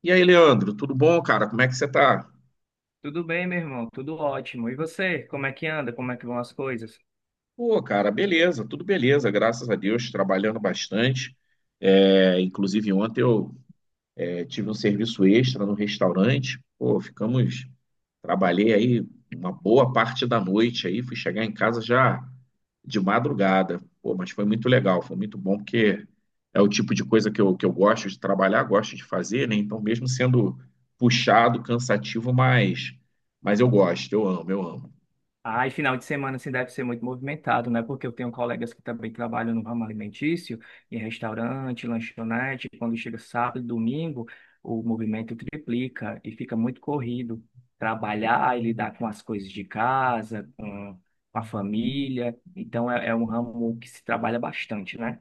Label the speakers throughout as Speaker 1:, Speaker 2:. Speaker 1: E aí, Leandro, tudo bom, cara? Como é que você tá?
Speaker 2: Tudo bem, meu irmão? Tudo ótimo. E você? Como é que anda? Como é que vão as coisas?
Speaker 1: Pô, cara, beleza, tudo beleza, graças a Deus, trabalhando bastante. É, inclusive, ontem tive um serviço extra no restaurante. Pô, trabalhei aí uma boa parte da noite aí, fui chegar em casa já de madrugada. Pô, mas foi muito legal, foi muito bom, porque é o tipo de coisa que eu gosto de trabalhar, gosto de fazer, né? Então, mesmo sendo puxado, cansativo, mas eu gosto, eu amo, eu amo.
Speaker 2: Ah, e final de semana assim deve ser muito movimentado, né? Porque eu tenho colegas que também trabalham no ramo alimentício, em restaurante, lanchonete. Quando chega sábado, domingo, o movimento triplica e fica muito corrido. Trabalhar e lidar com as coisas de casa, com a família. Então é um ramo que se trabalha bastante, né?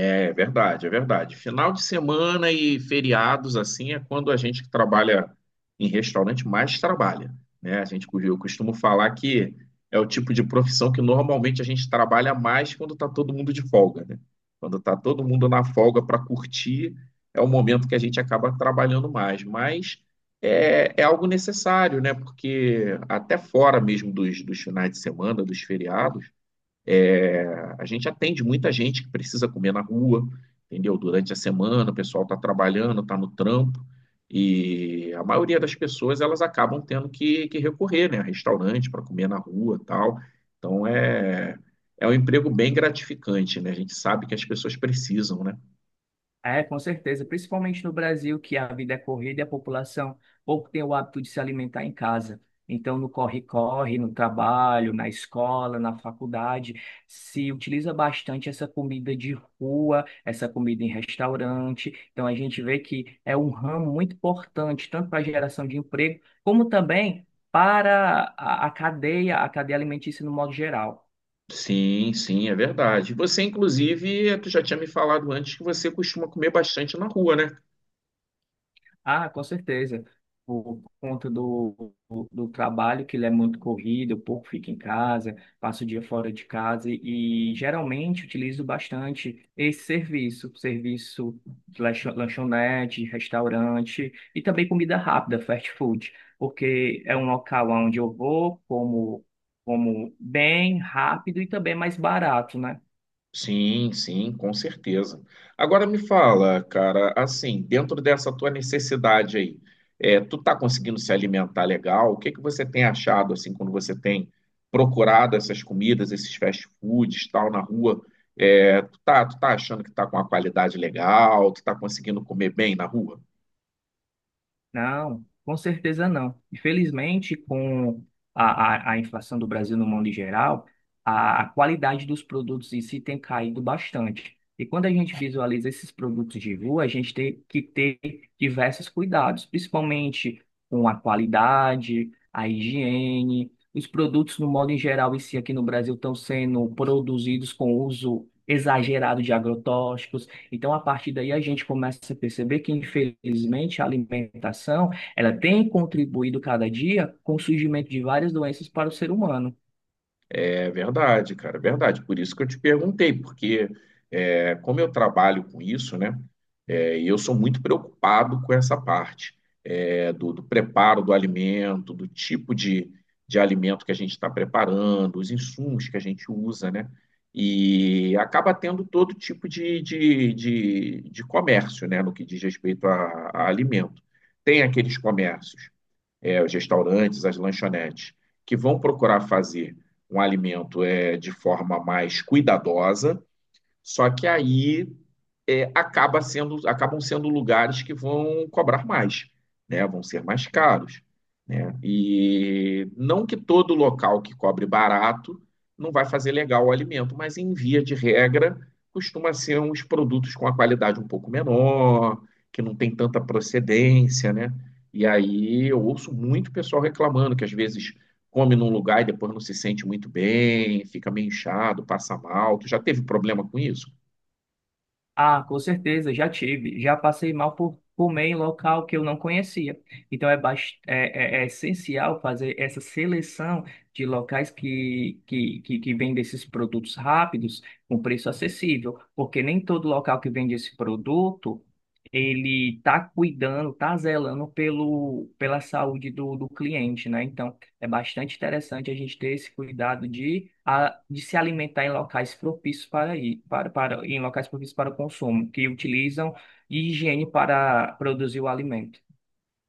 Speaker 1: É verdade, é verdade. Final de semana e feriados, assim, é quando a gente que trabalha em restaurante mais trabalha, né? A gente, eu costumo falar que é o tipo de profissão que normalmente a gente trabalha mais quando está todo mundo de folga, né? Quando está todo mundo na folga para curtir, é o momento que a gente acaba trabalhando mais. Mas é algo necessário, né? Porque até fora mesmo dos finais de semana, dos feriados, a gente atende muita gente que precisa comer na rua, entendeu? Durante a semana, o pessoal está trabalhando, está no trampo, e a maioria das pessoas elas acabam tendo que recorrer, né, a restaurante para comer na rua, tal. Então é um emprego bem gratificante, né? A gente sabe que as pessoas precisam, né?
Speaker 2: É, com certeza, principalmente no Brasil, que a vida é corrida e a população pouco tem o hábito de se alimentar em casa. Então, no corre-corre, no trabalho, na escola, na faculdade, se utiliza bastante essa comida de rua, essa comida em restaurante. Então, a gente vê que é um ramo muito importante, tanto para a geração de emprego, como também para a cadeia, a cadeia alimentícia no modo geral.
Speaker 1: Sim, sim, é verdade. Você, inclusive, tu já tinha me falado antes que você costuma comer bastante na rua, né?
Speaker 2: Ah, com certeza. Por conta do trabalho, que ele é muito corrido, eu pouco fico em casa, passo o dia fora de casa e geralmente utilizo bastante esse serviço de lanchonete, restaurante e também comida rápida, fast food, porque é um local onde eu vou, como, como bem rápido e também mais barato, né?
Speaker 1: Sim, sim, com certeza. Agora me fala, cara, assim, dentro dessa tua necessidade aí, tu tá conseguindo se alimentar legal? O que que você tem achado, assim, quando você tem procurado essas comidas, esses fast foods, tal, na rua? É, tu tá achando que tá com uma qualidade legal? Tu tá conseguindo comer bem na rua?
Speaker 2: Não, com certeza não. Infelizmente, com a inflação do Brasil no mundo em geral, a qualidade dos produtos em si tem caído bastante. E quando a gente visualiza esses produtos de rua, a gente tem que ter diversos cuidados, principalmente com a qualidade, a higiene. Os produtos, no modo em geral, em si aqui no Brasil, estão sendo produzidos com uso exagerado de agrotóxicos. Então, a partir daí, a gente começa a perceber que, infelizmente, a alimentação, ela tem contribuído cada dia com o surgimento de várias doenças para o ser humano.
Speaker 1: É verdade, cara, é verdade. Por isso que eu te perguntei, porque é, como eu trabalho com isso, né, é, e eu sou muito preocupado com essa parte. É, do preparo do alimento, do tipo de alimento que a gente está preparando, os insumos que a gente usa, né? E acaba tendo todo tipo de comércio, né? No que diz respeito a alimento. Tem aqueles comércios, os restaurantes, as lanchonetes, que vão procurar fazer um alimento de forma mais cuidadosa, só que aí acaba sendo, acabam sendo lugares que vão cobrar mais, né? Vão ser mais caros, né? E não que todo local que cobre barato não vai fazer legal o alimento, mas em via de regra costuma ser uns produtos com a qualidade um pouco menor, que não tem tanta procedência, né? E aí eu ouço muito pessoal reclamando que às vezes come num lugar e depois não se sente muito bem, fica meio inchado, passa mal. Tu já teve problema com isso?
Speaker 2: Ah, com certeza, já tive. Já passei mal por comer em local que eu não conhecia. Então é essencial fazer essa seleção de locais que vendem esses produtos rápidos com preço acessível, porque nem todo local que vende esse produto ele está cuidando, está zelando pelo, pela saúde do cliente, né? Então é bastante interessante a gente ter esse cuidado de se alimentar em locais propícios para, i- para, para, em locais propícios para o consumo, que utilizam higiene para produzir o alimento.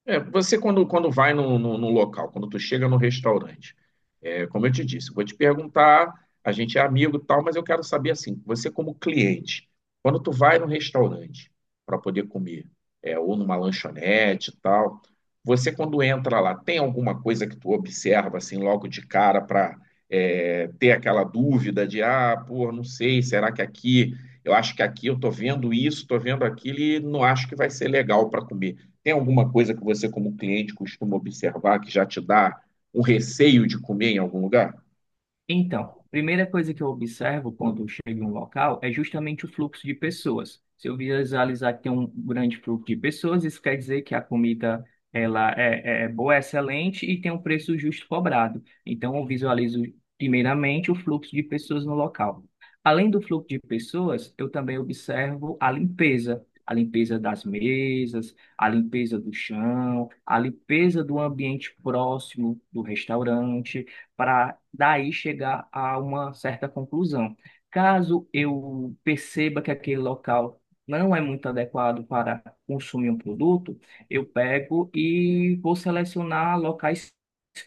Speaker 1: É, você quando vai num local, quando tu chega no restaurante, como eu te disse, eu vou te perguntar, a gente é amigo e tal, mas eu quero saber assim, você como cliente, quando tu vai num restaurante para poder comer, ou numa lanchonete e tal, você quando entra lá, tem alguma coisa que tu observa assim logo de cara para ter aquela dúvida de, ah, pô, não sei, será que aqui, eu acho que aqui eu tô vendo isso, tô vendo aquilo e não acho que vai ser legal para comer. Tem alguma coisa que você, como cliente, costuma observar que já te dá um receio de comer em algum lugar?
Speaker 2: Então, primeira coisa que eu observo quando eu chego em um local é justamente o fluxo de pessoas. Se eu visualizar que tem um grande fluxo de pessoas, isso quer dizer que a comida ela é boa, é excelente e tem um preço justo cobrado. Então, eu visualizo primeiramente o fluxo de pessoas no local. Além do fluxo de pessoas, eu também observo a limpeza. A limpeza das mesas, a limpeza do chão, a limpeza do ambiente próximo do restaurante para daí chegar a uma certa conclusão. Caso eu perceba que aquele local não é muito adequado para consumir um produto, eu pego e vou selecionar locais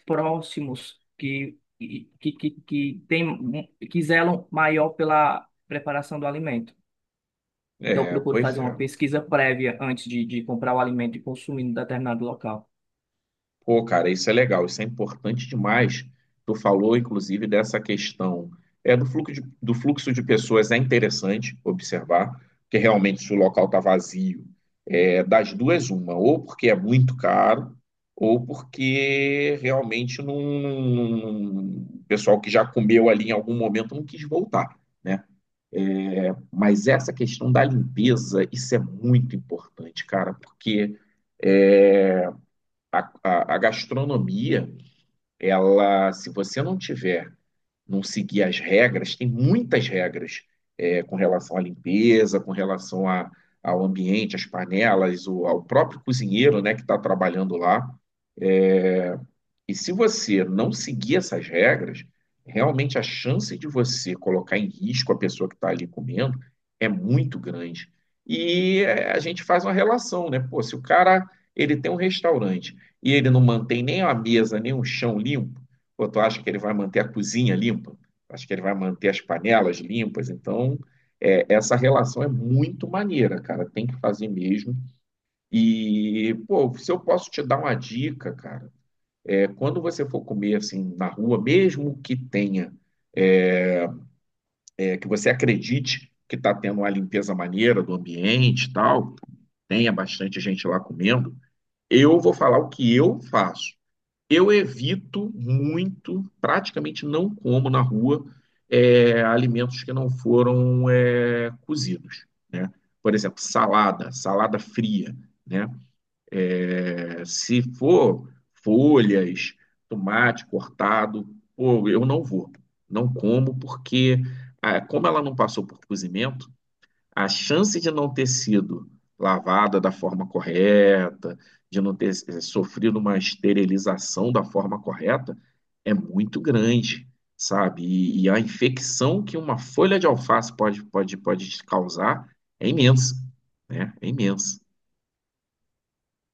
Speaker 2: próximos que zelam maior pela preparação do alimento. Então, eu
Speaker 1: É,
Speaker 2: procuro
Speaker 1: pois
Speaker 2: fazer
Speaker 1: é.
Speaker 2: uma pesquisa prévia antes de comprar o alimento e consumir em determinado local.
Speaker 1: Pô, cara, isso é legal, isso é importante demais. Tu falou, inclusive, dessa questão do fluxo de pessoas, é interessante observar, porque realmente se o local está vazio, das duas, uma, ou porque é muito caro, ou porque realmente não, o pessoal que já comeu ali em algum momento não quis voltar, né? Mas essa questão da limpeza, isso é muito importante, cara, porque a gastronomia, ela, se você não tiver, não seguir as regras, tem muitas regras com relação à limpeza, com relação ao ambiente, às panelas, ao próprio cozinheiro, né, que está trabalhando lá. E se você não seguir essas regras, realmente a chance de você colocar em risco a pessoa que está ali comendo é muito grande. E é, a gente faz uma relação, né? Pô, se o cara ele tem um restaurante e ele não mantém nem a mesa, nem o chão limpo, pô, tu acha que ele vai manter a cozinha limpa? Acho que ele vai manter as panelas limpas. Então, essa relação é muito maneira, cara. Tem que fazer mesmo. E, pô, se eu posso te dar uma dica, cara, quando você for comer assim na rua, mesmo que tenha, que você acredite que está tendo uma limpeza maneira do ambiente e tal, tenha bastante gente lá comendo, eu vou falar o que eu faço. Eu evito muito, praticamente não como na rua alimentos que não foram cozidos, né? Por exemplo, salada, salada fria, né? Se for folhas, tomate cortado, pô, eu não vou. Não como, porque ah, como ela não passou por cozimento, a chance de não ter sido lavada da forma correta, de não ter sofrido uma esterilização da forma correta, é muito grande, sabe? E a infecção que uma folha de alface pode te causar é imensa, né? É imensa.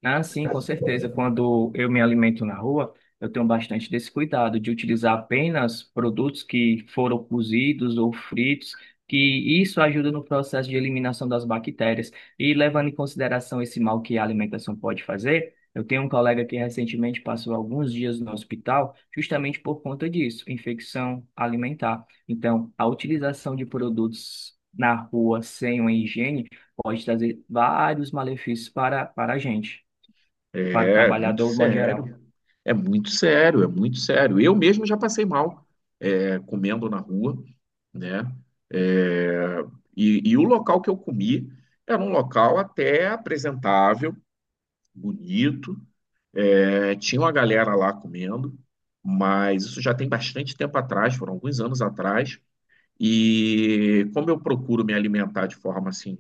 Speaker 2: Ah, sim, com certeza. Quando eu me alimento na rua, eu tenho bastante desse cuidado de utilizar apenas produtos que foram cozidos ou fritos, que isso ajuda no processo de eliminação das bactérias. E levando em consideração esse mal que a alimentação pode fazer, eu tenho um colega que recentemente passou alguns dias no hospital justamente por conta disso, infecção alimentar. Então, a utilização de produtos na rua sem uma higiene pode trazer vários malefícios para a gente, para o
Speaker 1: É muito
Speaker 2: trabalhador, de modo geral.
Speaker 1: sério. É muito sério, é muito sério. Eu mesmo já passei mal comendo na rua, né? É, e o local que eu comi era um local até apresentável, bonito. É, tinha uma galera lá comendo, mas isso já tem bastante tempo atrás, foram alguns anos atrás. E como eu procuro me alimentar de forma assim,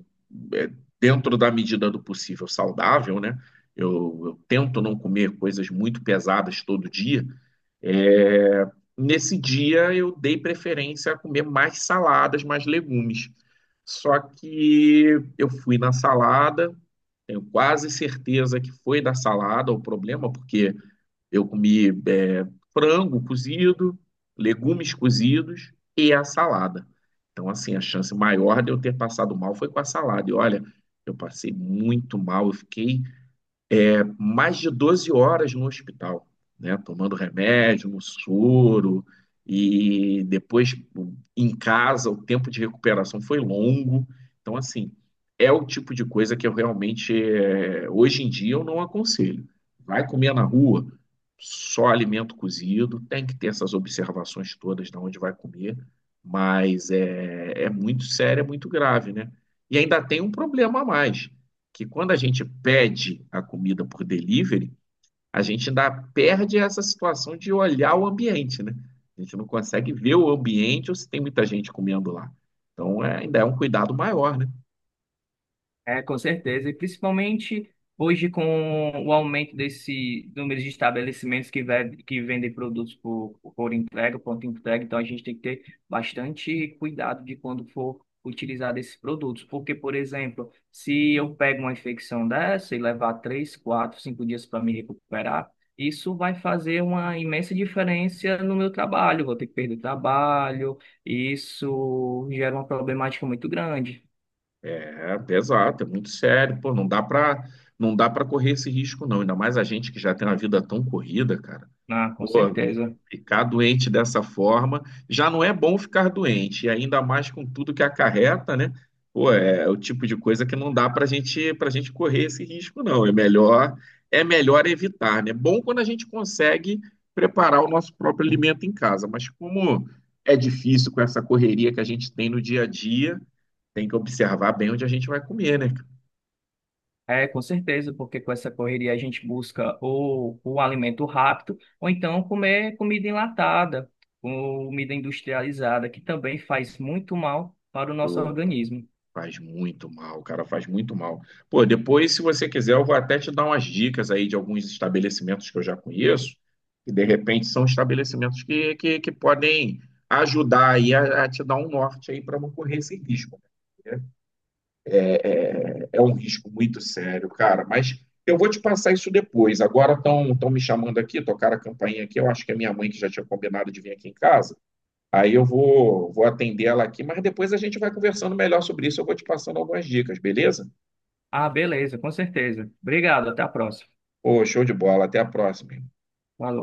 Speaker 1: é, dentro da medida do possível saudável, né? Eu tento não comer coisas muito pesadas todo dia. É, nesse dia eu dei preferência a comer mais saladas, mais legumes. Só que eu fui na salada, tenho quase certeza que foi da salada o problema, porque eu comi frango cozido, legumes cozidos e a salada. Então, assim, a chance maior de eu ter passado mal foi com a salada. E olha, eu passei muito mal, eu fiquei mais de 12 horas no hospital, né? Tomando remédio, no soro, e depois em casa, o tempo de recuperação foi longo. Então, assim, é o tipo de coisa que eu realmente, é, hoje em dia, eu não aconselho. Vai comer na rua, só alimento cozido, tem que ter essas observações todas de onde vai comer, mas é, é muito sério, é muito grave, né? E ainda tem um problema a mais que quando a gente pede a comida por delivery, a gente ainda perde essa situação de olhar o ambiente, né? A gente não consegue ver o ambiente ou se tem muita gente comendo lá. Então, ainda é um cuidado maior, né?
Speaker 2: É, com certeza. E principalmente hoje, com o aumento desse número de estabelecimentos que vendem produtos por entrega, pronto entrega, então a gente tem que ter bastante cuidado de quando for utilizar esses produtos. Porque, por exemplo, se eu pego uma infecção dessa e levar três, quatro, cinco dias para me recuperar, isso vai fazer uma imensa diferença no meu trabalho. Vou ter que perder trabalho, e isso gera uma problemática muito grande.
Speaker 1: É pesado, é muito sério, pô, não dá para correr esse risco não, ainda mais a gente que já tem uma vida tão corrida, cara.
Speaker 2: Ah, com
Speaker 1: Pô,
Speaker 2: certeza.
Speaker 1: ficar doente dessa forma já não é bom ficar doente, e ainda mais com tudo que acarreta, né? Pô, é o tipo de coisa que não dá para gente correr esse risco, não. É melhor evitar, né? Bom quando a gente consegue preparar o nosso próprio alimento em casa, mas como é difícil com essa correria que a gente tem no dia a dia, tem que observar bem onde a gente vai comer, né?
Speaker 2: É, com certeza, porque com essa correria a gente busca ou o alimento rápido, ou então comer comida enlatada, comida industrializada, que também faz muito mal para o nosso
Speaker 1: Pô,
Speaker 2: organismo.
Speaker 1: faz muito mal, cara, faz muito mal. Pô, depois, se você quiser, eu vou até te dar umas dicas aí de alguns estabelecimentos que eu já conheço, que de repente são estabelecimentos que podem ajudar aí a te dar um norte aí para não correr esse risco. Né? É um risco muito sério, cara, mas eu vou te passar isso depois. Agora estão me chamando aqui, tocaram a campainha aqui, eu acho que é minha mãe que já tinha combinado de vir aqui em casa. Aí eu vou, vou atender ela aqui, mas depois a gente vai conversando melhor sobre isso. Eu vou te passando algumas dicas, beleza?
Speaker 2: Ah, beleza, com certeza. Obrigado, até a próxima.
Speaker 1: Ô, show de bola. Até a próxima.
Speaker 2: Falou.